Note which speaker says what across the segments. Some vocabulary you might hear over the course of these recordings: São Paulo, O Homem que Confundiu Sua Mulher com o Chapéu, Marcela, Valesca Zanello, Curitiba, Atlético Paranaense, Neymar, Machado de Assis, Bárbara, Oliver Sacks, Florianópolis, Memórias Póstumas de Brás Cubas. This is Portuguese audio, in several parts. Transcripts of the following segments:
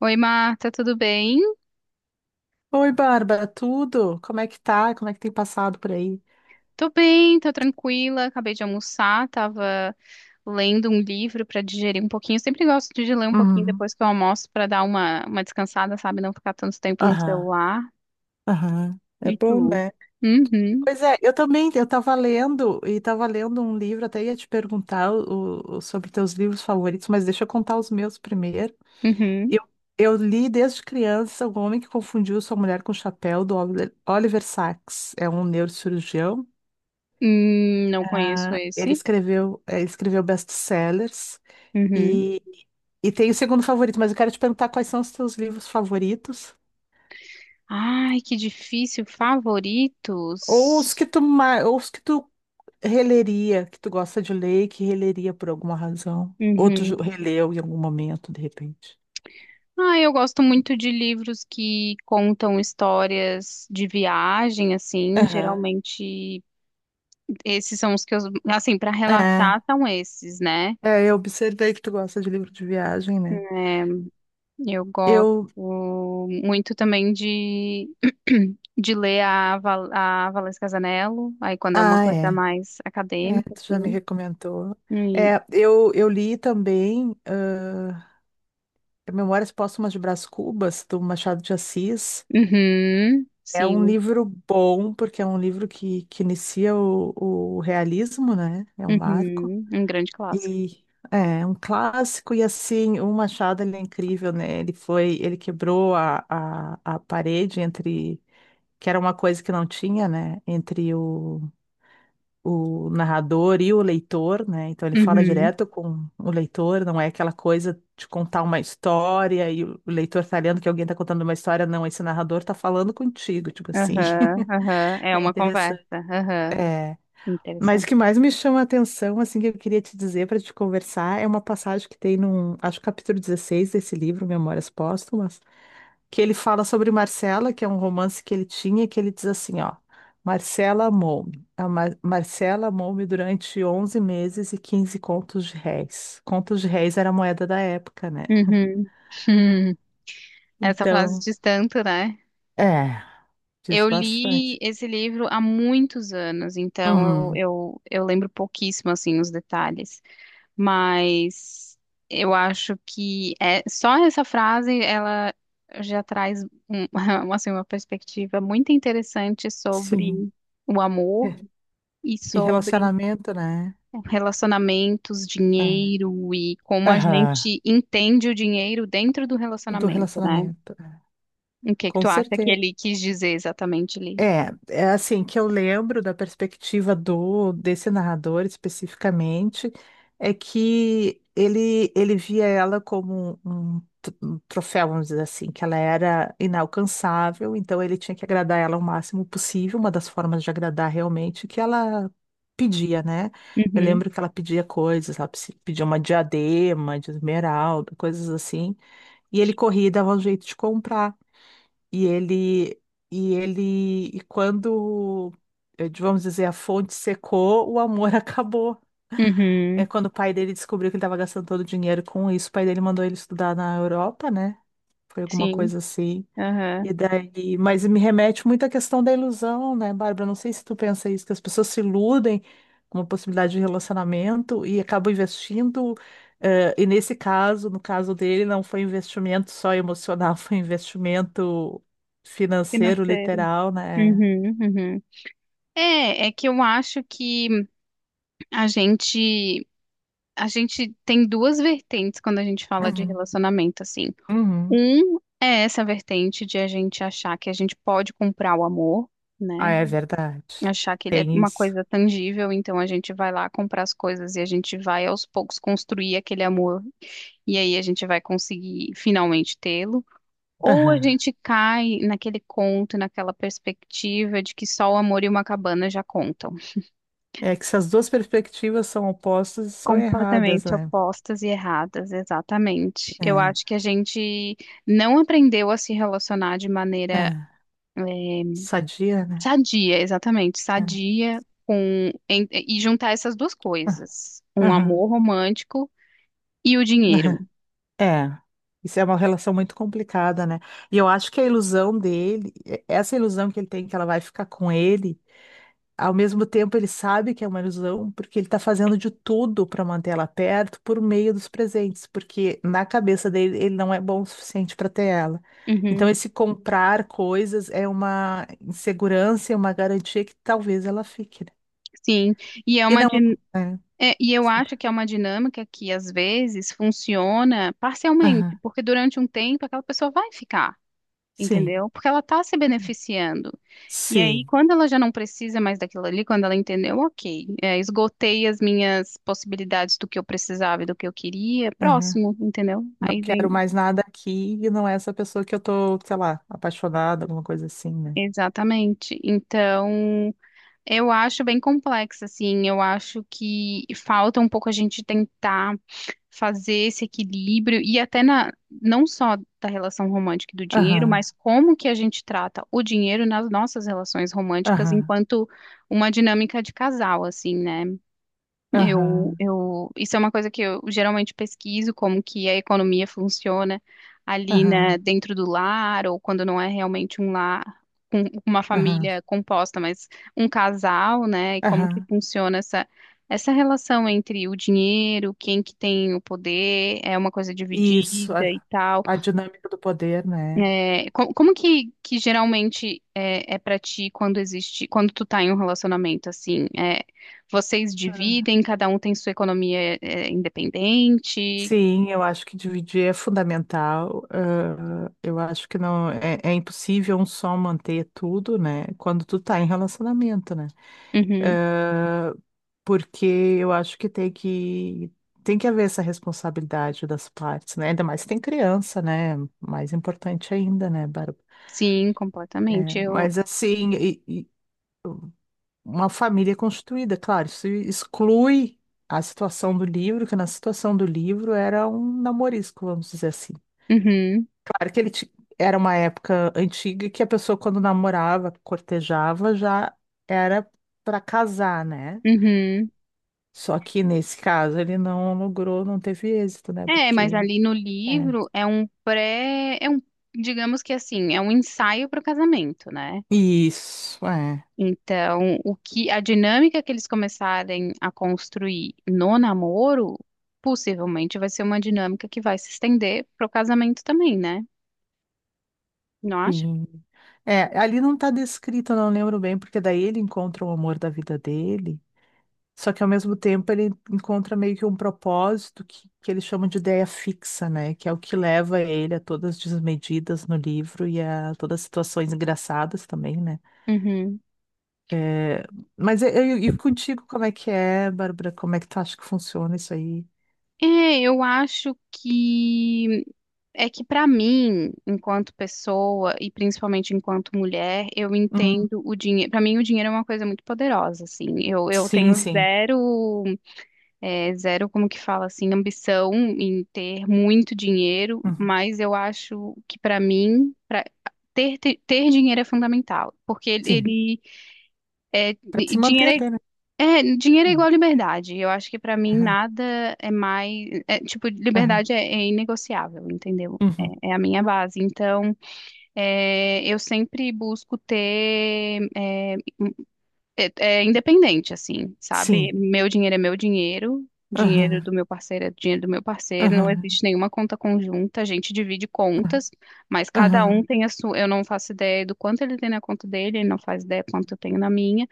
Speaker 1: Oi, Marta, tudo bem?
Speaker 2: Oi, Bárbara, tudo? Como é que tá? Como é que tem passado por aí?
Speaker 1: Tô bem, tô tranquila. Acabei de almoçar, tava lendo um livro pra digerir um pouquinho. Eu sempre gosto de ler um pouquinho
Speaker 2: Uhum.
Speaker 1: depois que eu almoço pra dar uma descansada, sabe? Não ficar tanto tempo no
Speaker 2: Aham,
Speaker 1: celular.
Speaker 2: aham. É
Speaker 1: E
Speaker 2: bom,
Speaker 1: tu?
Speaker 2: né?
Speaker 1: Uhum,
Speaker 2: Pois é, eu também, e tava lendo um livro, até ia te perguntar sobre teus livros favoritos, mas deixa eu contar os meus primeiro.
Speaker 1: uhum.
Speaker 2: Eu, eu li desde criança O Homem que Confundiu Sua Mulher com o Chapéu, do Oliver Sacks. É um neurocirurgião.
Speaker 1: Não conheço
Speaker 2: Ele
Speaker 1: esse.
Speaker 2: escreveu best-sellers
Speaker 1: Uhum.
Speaker 2: e, e tem o segundo favorito, mas eu quero te perguntar quais são os teus livros favoritos
Speaker 1: Ai, que difícil.
Speaker 2: ou os
Speaker 1: Favoritos?
Speaker 2: que tu, ma- ou os que tu releria, que tu gosta de ler e que releria por alguma razão. Ou tu
Speaker 1: Uhum.
Speaker 2: releu em algum momento, de repente.
Speaker 1: Ah, eu gosto muito de livros que contam histórias de viagem, assim,
Speaker 2: Aham.
Speaker 1: geralmente. Esses são os que eu, Assim, para
Speaker 2: É,
Speaker 1: relaxar são esses, né?
Speaker 2: eu observei que tu gosta de livro de viagem, né?
Speaker 1: É, eu gosto
Speaker 2: Eu.
Speaker 1: muito também de, de ler a, a Valesca Zanello, aí quando é uma
Speaker 2: Ah,
Speaker 1: coisa
Speaker 2: é.
Speaker 1: mais
Speaker 2: É,
Speaker 1: acadêmica,
Speaker 2: tu já me
Speaker 1: assim.
Speaker 2: recomendou.
Speaker 1: E,
Speaker 2: É, eu li também. Memórias Póstumas de Brás Cubas, do Machado de Assis.
Speaker 1: uhum,
Speaker 2: É um
Speaker 1: sim,
Speaker 2: livro bom, porque é um livro que inicia o realismo, né? É um marco.
Speaker 1: uhum, um grande clássico.
Speaker 2: E é um clássico, e assim, o Machado, ele é incrível, né? Ele quebrou a parede entre, que era uma coisa que não tinha, né? Entre o narrador e o leitor, né? Então ele fala
Speaker 1: Uhum,
Speaker 2: direto com o leitor, não é aquela coisa de contar uma história e o leitor tá lendo que alguém tá contando uma história, não, esse narrador tá falando contigo, tipo assim.
Speaker 1: aham, aham, é
Speaker 2: É
Speaker 1: uma conversa,
Speaker 2: interessante.
Speaker 1: aham,
Speaker 2: É. Mas o que
Speaker 1: interessante.
Speaker 2: mais me chama a atenção, assim, que eu queria te dizer para te conversar, é uma passagem que tem num, acho que capítulo 16 desse livro, Memórias Póstumas, que ele fala sobre Marcela, que é um romance que ele tinha, que ele diz assim, ó, Marcela amou-me. Marcela amou-me durante 11 meses e 15 contos de réis. Contos de réis era a moeda da época, né?
Speaker 1: Uhum, essa frase
Speaker 2: Então,
Speaker 1: diz tanto, né?
Speaker 2: é, diz
Speaker 1: Eu li
Speaker 2: bastante.
Speaker 1: esse livro há muitos anos, então eu,
Speaker 2: Uhum.
Speaker 1: eu, eu lembro pouquíssimo, assim, os detalhes. Mas eu acho que é, só essa frase, ela já traz um- uma, assim, uma perspectiva muito interessante sobre
Speaker 2: Sim.
Speaker 1: o amor
Speaker 2: É.
Speaker 1: e
Speaker 2: E
Speaker 1: sobre
Speaker 2: relacionamento, né?
Speaker 1: relacionamentos,
Speaker 2: É.
Speaker 1: dinheiro e como a
Speaker 2: Aham.
Speaker 1: gente entende o dinheiro dentro do
Speaker 2: Do
Speaker 1: relacionamento, né?
Speaker 2: relacionamento. É.
Speaker 1: O que que
Speaker 2: Com
Speaker 1: tu acha que
Speaker 2: certeza.
Speaker 1: ele quis dizer exatamente ali?
Speaker 2: É, assim que eu lembro da perspectiva do desse narrador especificamente, é que ele via ela como um troféu, vamos dizer assim, que ela era inalcançável, então ele tinha que agradar ela o máximo possível, uma das formas de agradar realmente que ela pedia, né? Eu
Speaker 1: Uhum,
Speaker 2: lembro que ela pedia coisas, ela pedia uma diadema de esmeralda, coisas assim, e ele corria e dava um jeito de comprar. E ele, e quando, vamos dizer, a fonte secou, o amor acabou. É
Speaker 1: uhum,
Speaker 2: quando o pai dele descobriu que ele estava gastando todo o dinheiro com isso, o pai dele mandou ele estudar na Europa, né? Foi alguma
Speaker 1: sim,
Speaker 2: coisa assim.
Speaker 1: aham,
Speaker 2: E daí, mas me remete muito à questão da ilusão, né, Bárbara? Não sei se tu pensa isso, que as pessoas se iludem com uma possibilidade de relacionamento e acabam investindo. E nesse caso, no caso dele, não foi investimento só emocional, foi investimento financeiro,
Speaker 1: Financeiro.
Speaker 2: literal, né?
Speaker 1: Uhum, uhum. É, é que eu acho que a gente, a gente tem duas vertentes quando a gente fala de
Speaker 2: Uhum.
Speaker 1: relacionamento, assim.
Speaker 2: Uhum.
Speaker 1: Um é essa vertente de a gente achar que a gente pode comprar o amor,
Speaker 2: Ah,
Speaker 1: né?
Speaker 2: é verdade.
Speaker 1: Achar que ele é
Speaker 2: Tem
Speaker 1: uma
Speaker 2: isso.
Speaker 1: coisa tangível, então a gente vai lá comprar as coisas e a gente vai aos poucos construir aquele amor, e aí a gente vai conseguir finalmente tê-lo. Ou a
Speaker 2: Aham.
Speaker 1: gente cai naquele conto, naquela perspectiva de que só o amor e uma cabana já contam.
Speaker 2: É que se as duas perspectivas são opostas, são erradas,
Speaker 1: Completamente
Speaker 2: né?
Speaker 1: opostas e erradas, exatamente. Eu
Speaker 2: É.
Speaker 1: acho que a gente não aprendeu a se relacionar de maneira
Speaker 2: É. Sadia, né?
Speaker 1: sadia, exatamente,
Speaker 2: É.
Speaker 1: sadia e juntar essas duas
Speaker 2: Ah,
Speaker 1: coisas, um
Speaker 2: aham.
Speaker 1: amor romântico e o dinheiro.
Speaker 2: É, isso é uma relação muito complicada, né? E eu acho que a ilusão dele, essa ilusão que ele tem que ela vai ficar com ele, ao mesmo tempo ele sabe que é uma ilusão, porque ele tá fazendo de tudo para manter ela perto por meio dos presentes, porque na cabeça dele ele não é bom o suficiente para ter ela. Então
Speaker 1: Uhum,
Speaker 2: esse comprar coisas é uma insegurança e uma garantia que talvez ela fique, né?
Speaker 1: sim, e é
Speaker 2: E
Speaker 1: uma
Speaker 2: não,
Speaker 1: din-
Speaker 2: é,
Speaker 1: é, e eu
Speaker 2: desculpa.
Speaker 1: acho que é uma dinâmica que às vezes funciona parcialmente,
Speaker 2: Aham.
Speaker 1: porque durante um tempo aquela pessoa vai ficar,
Speaker 2: Sim,
Speaker 1: entendeu? Porque ela está se beneficiando. E aí,
Speaker 2: sim.
Speaker 1: quando ela já não precisa mais daquilo ali, quando ela entendeu, ok, é, esgotei as minhas possibilidades do que eu precisava e do que eu queria, próximo, entendeu?
Speaker 2: Não
Speaker 1: Aí vem.
Speaker 2: quero mais nada aqui e não é essa pessoa que eu tô, sei lá, apaixonada, alguma coisa assim, né?
Speaker 1: Exatamente. Então, eu acho bem complexo, assim. Eu acho que falta um pouco a gente tentar fazer esse equilíbrio e até não só da relação romântica e do dinheiro,
Speaker 2: Aham,
Speaker 1: mas como que a gente trata o dinheiro nas nossas relações românticas
Speaker 2: aham,
Speaker 1: enquanto uma dinâmica de casal, assim, né?
Speaker 2: aham,
Speaker 1: Isso é uma coisa que eu geralmente pesquiso, como que a economia funciona ali,
Speaker 2: aham,
Speaker 1: né, dentro do lar, ou quando não é realmente um lar com uma
Speaker 2: aham,
Speaker 1: família composta, mas um casal, né, e como que
Speaker 2: aham.
Speaker 1: funciona essa relação entre o dinheiro, quem que tem o poder, é uma coisa
Speaker 2: Isso,
Speaker 1: dividida e
Speaker 2: a,
Speaker 1: tal.
Speaker 2: a dinâmica do poder, né?
Speaker 1: É, como que geralmente é, é para ti quando existe, quando tu tá em um relacionamento assim? É, vocês dividem, cada um tem sua economia é, independente?
Speaker 2: Sim, eu acho que dividir é fundamental. Ah, eu acho que não é, é impossível um só manter tudo, né? Quando tu tá em relacionamento, né?
Speaker 1: Uhum.
Speaker 2: Ah, porque eu acho que tem que haver essa responsabilidade das partes, né? Ainda mais se tem criança, né? Mais importante ainda, né, Bárbara?
Speaker 1: Sim,
Speaker 2: É,
Speaker 1: completamente. Eu,
Speaker 2: mas assim, e uma família constituída, claro, isso exclui a situação do livro, que na situação do livro era um namorisco, vamos dizer assim.
Speaker 1: uhum,
Speaker 2: Claro que era uma época antiga que a pessoa quando namorava, cortejava, já era para casar, né?
Speaker 1: uhum.
Speaker 2: Só que nesse caso ele não logrou, não teve êxito, né?
Speaker 1: É, mas
Speaker 2: Porque.
Speaker 1: ali no
Speaker 2: É.
Speaker 1: livro é um, digamos que assim, é um ensaio para o casamento, né?
Speaker 2: Isso, é.
Speaker 1: Então, o que a dinâmica que eles começarem a construir no namoro, possivelmente vai ser uma dinâmica que vai se estender pro casamento também, né? Não acha?
Speaker 2: Sim. É, ali não tá descrito, eu não lembro bem, porque daí ele encontra o amor da vida dele, só que ao mesmo tempo ele encontra meio que um propósito que eles chamam de ideia fixa, né? Que é o que leva ele a todas as desmedidas no livro e a todas as situações engraçadas também, né?
Speaker 1: Uhum.
Speaker 2: É, mas eu e contigo, como é que é, Bárbara? Como é que tu acha que funciona isso aí?
Speaker 1: É, eu acho que é que pra mim, enquanto pessoa e principalmente enquanto mulher, eu
Speaker 2: Uhum.
Speaker 1: entendo o dinheiro. Pra mim, o dinheiro é uma coisa muito poderosa, assim. Eu
Speaker 2: Sim,
Speaker 1: tenho
Speaker 2: sim.
Speaker 1: zero. É, zero, como que fala assim, ambição em ter muito dinheiro,
Speaker 2: Uhum.
Speaker 1: mas eu acho que ter dinheiro é fundamental, porque
Speaker 2: Sim, para se manter
Speaker 1: dinheiro
Speaker 2: até, né?
Speaker 1: é, dinheiro é
Speaker 2: Uhum.
Speaker 1: igual liberdade. Eu acho que para mim
Speaker 2: Aham,
Speaker 1: nada é mais, é, tipo,
Speaker 2: aham,
Speaker 1: liberdade é, é inegociável, entendeu?
Speaker 2: uhum.
Speaker 1: É, é a minha base. Então, é, eu sempre busco ter é, é independente, assim, sabe?
Speaker 2: Sim.
Speaker 1: Meu dinheiro é meu dinheiro, dinheiro do
Speaker 2: Aham,
Speaker 1: meu parceiro é dinheiro do meu parceiro, não
Speaker 2: aham,
Speaker 1: existe nenhuma conta conjunta, a gente divide contas, mas cada um
Speaker 2: aham,
Speaker 1: tem a sua. Eu não faço ideia do quanto ele tem na conta dele, ele não faz ideia quanto eu tenho na minha,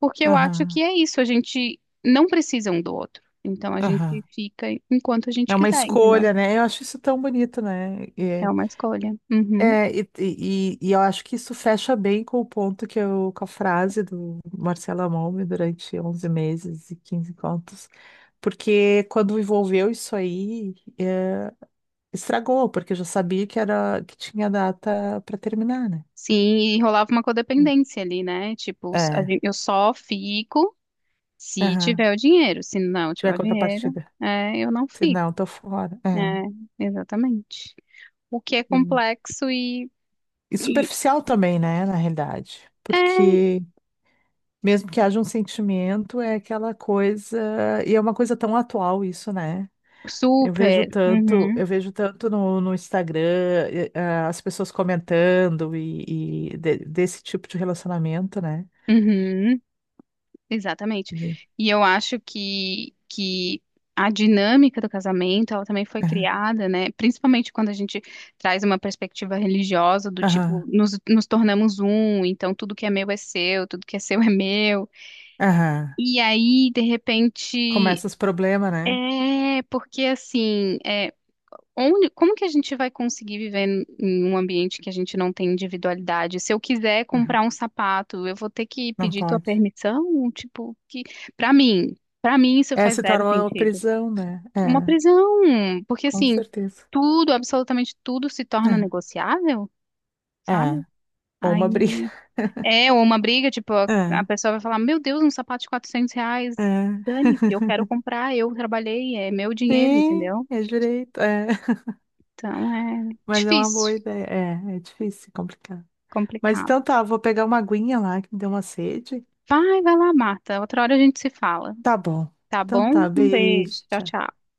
Speaker 1: porque eu acho que
Speaker 2: aham,
Speaker 1: é isso, a gente não precisa um do outro, então a
Speaker 2: aham.
Speaker 1: gente fica enquanto a gente
Speaker 2: É uma
Speaker 1: quiser, entendeu?
Speaker 2: escolha, né? Eu acho isso tão bonito, né? E,
Speaker 1: É
Speaker 2: é,
Speaker 1: uma escolha. Uhum.
Speaker 2: é, e, e, e eu acho que isso fecha bem com o ponto que eu, com a frase do Marcelo Amon durante 11 meses e 15 contos, porque quando envolveu isso aí, estragou, porque eu já sabia que tinha data para terminar, né?
Speaker 1: Sim, e rolava uma codependência ali, né? Tipo,
Speaker 2: É,
Speaker 1: eu só fico. Se
Speaker 2: aham,
Speaker 1: tiver o dinheiro, se não tiver
Speaker 2: tiver
Speaker 1: o dinheiro,
Speaker 2: contrapartida.
Speaker 1: é, eu não
Speaker 2: Se
Speaker 1: fico.
Speaker 2: não, tô fora.
Speaker 1: É,
Speaker 2: É.
Speaker 1: exatamente. O que é
Speaker 2: E,
Speaker 1: complexo e,
Speaker 2: e
Speaker 1: e
Speaker 2: superficial também, né, na realidade.
Speaker 1: é
Speaker 2: Porque mesmo que haja um sentimento, é aquela coisa. E é uma coisa tão atual isso, né?
Speaker 1: super. Uhum,
Speaker 2: Eu vejo tanto no Instagram, ah, as pessoas comentando e desse tipo de relacionamento, né?
Speaker 1: uhum, exatamente.
Speaker 2: E-
Speaker 1: E eu acho que a dinâmica do casamento, ela também foi
Speaker 2: Aham,
Speaker 1: criada, né? Principalmente quando a gente traz uma perspectiva religiosa do
Speaker 2: aham,
Speaker 1: tipo, nos tornamos um, então tudo que é meu é seu, tudo que é seu é meu.
Speaker 2: aham.
Speaker 1: E aí, de repente.
Speaker 2: Começa os problemas, né?
Speaker 1: É, porque assim, é, onde, como que a gente vai conseguir viver em um ambiente que a gente não tem individualidade? Se eu quiser
Speaker 2: Aham.
Speaker 1: comprar um sapato, eu vou ter que
Speaker 2: Não
Speaker 1: pedir tua
Speaker 2: pode.
Speaker 1: permissão? Tipo, que para mim, para mim isso
Speaker 2: É,
Speaker 1: faz
Speaker 2: se
Speaker 1: zero
Speaker 2: torna uma
Speaker 1: sentido.
Speaker 2: prisão, né?
Speaker 1: Uma
Speaker 2: É,
Speaker 1: prisão, porque
Speaker 2: com
Speaker 1: assim,
Speaker 2: certeza.
Speaker 1: tudo, absolutamente tudo se torna
Speaker 2: É.
Speaker 1: negociável, sabe?
Speaker 2: É, ou uma briga.
Speaker 1: Aí é ou uma briga, tipo, a
Speaker 2: É,
Speaker 1: pessoa vai falar, meu Deus, um sapato de R$ 400,
Speaker 2: é.
Speaker 1: dane-se, eu quero comprar, eu trabalhei, é meu dinheiro,
Speaker 2: Sim,
Speaker 1: entendeu?
Speaker 2: é direito, é.
Speaker 1: Então é
Speaker 2: Mas é uma boa
Speaker 1: difícil,
Speaker 2: ideia. É, é difícil, é complicado. Mas
Speaker 1: complicado.
Speaker 2: então tá, eu vou pegar uma aguinha lá que me deu uma sede.
Speaker 1: Vai, vai lá, Marta. Outra hora a gente se fala.
Speaker 2: Tá bom.
Speaker 1: Tá
Speaker 2: Então
Speaker 1: bom?
Speaker 2: tá,
Speaker 1: Um beijo.
Speaker 2: beijo.
Speaker 1: Tchau,
Speaker 2: Tchau.
Speaker 1: tchau.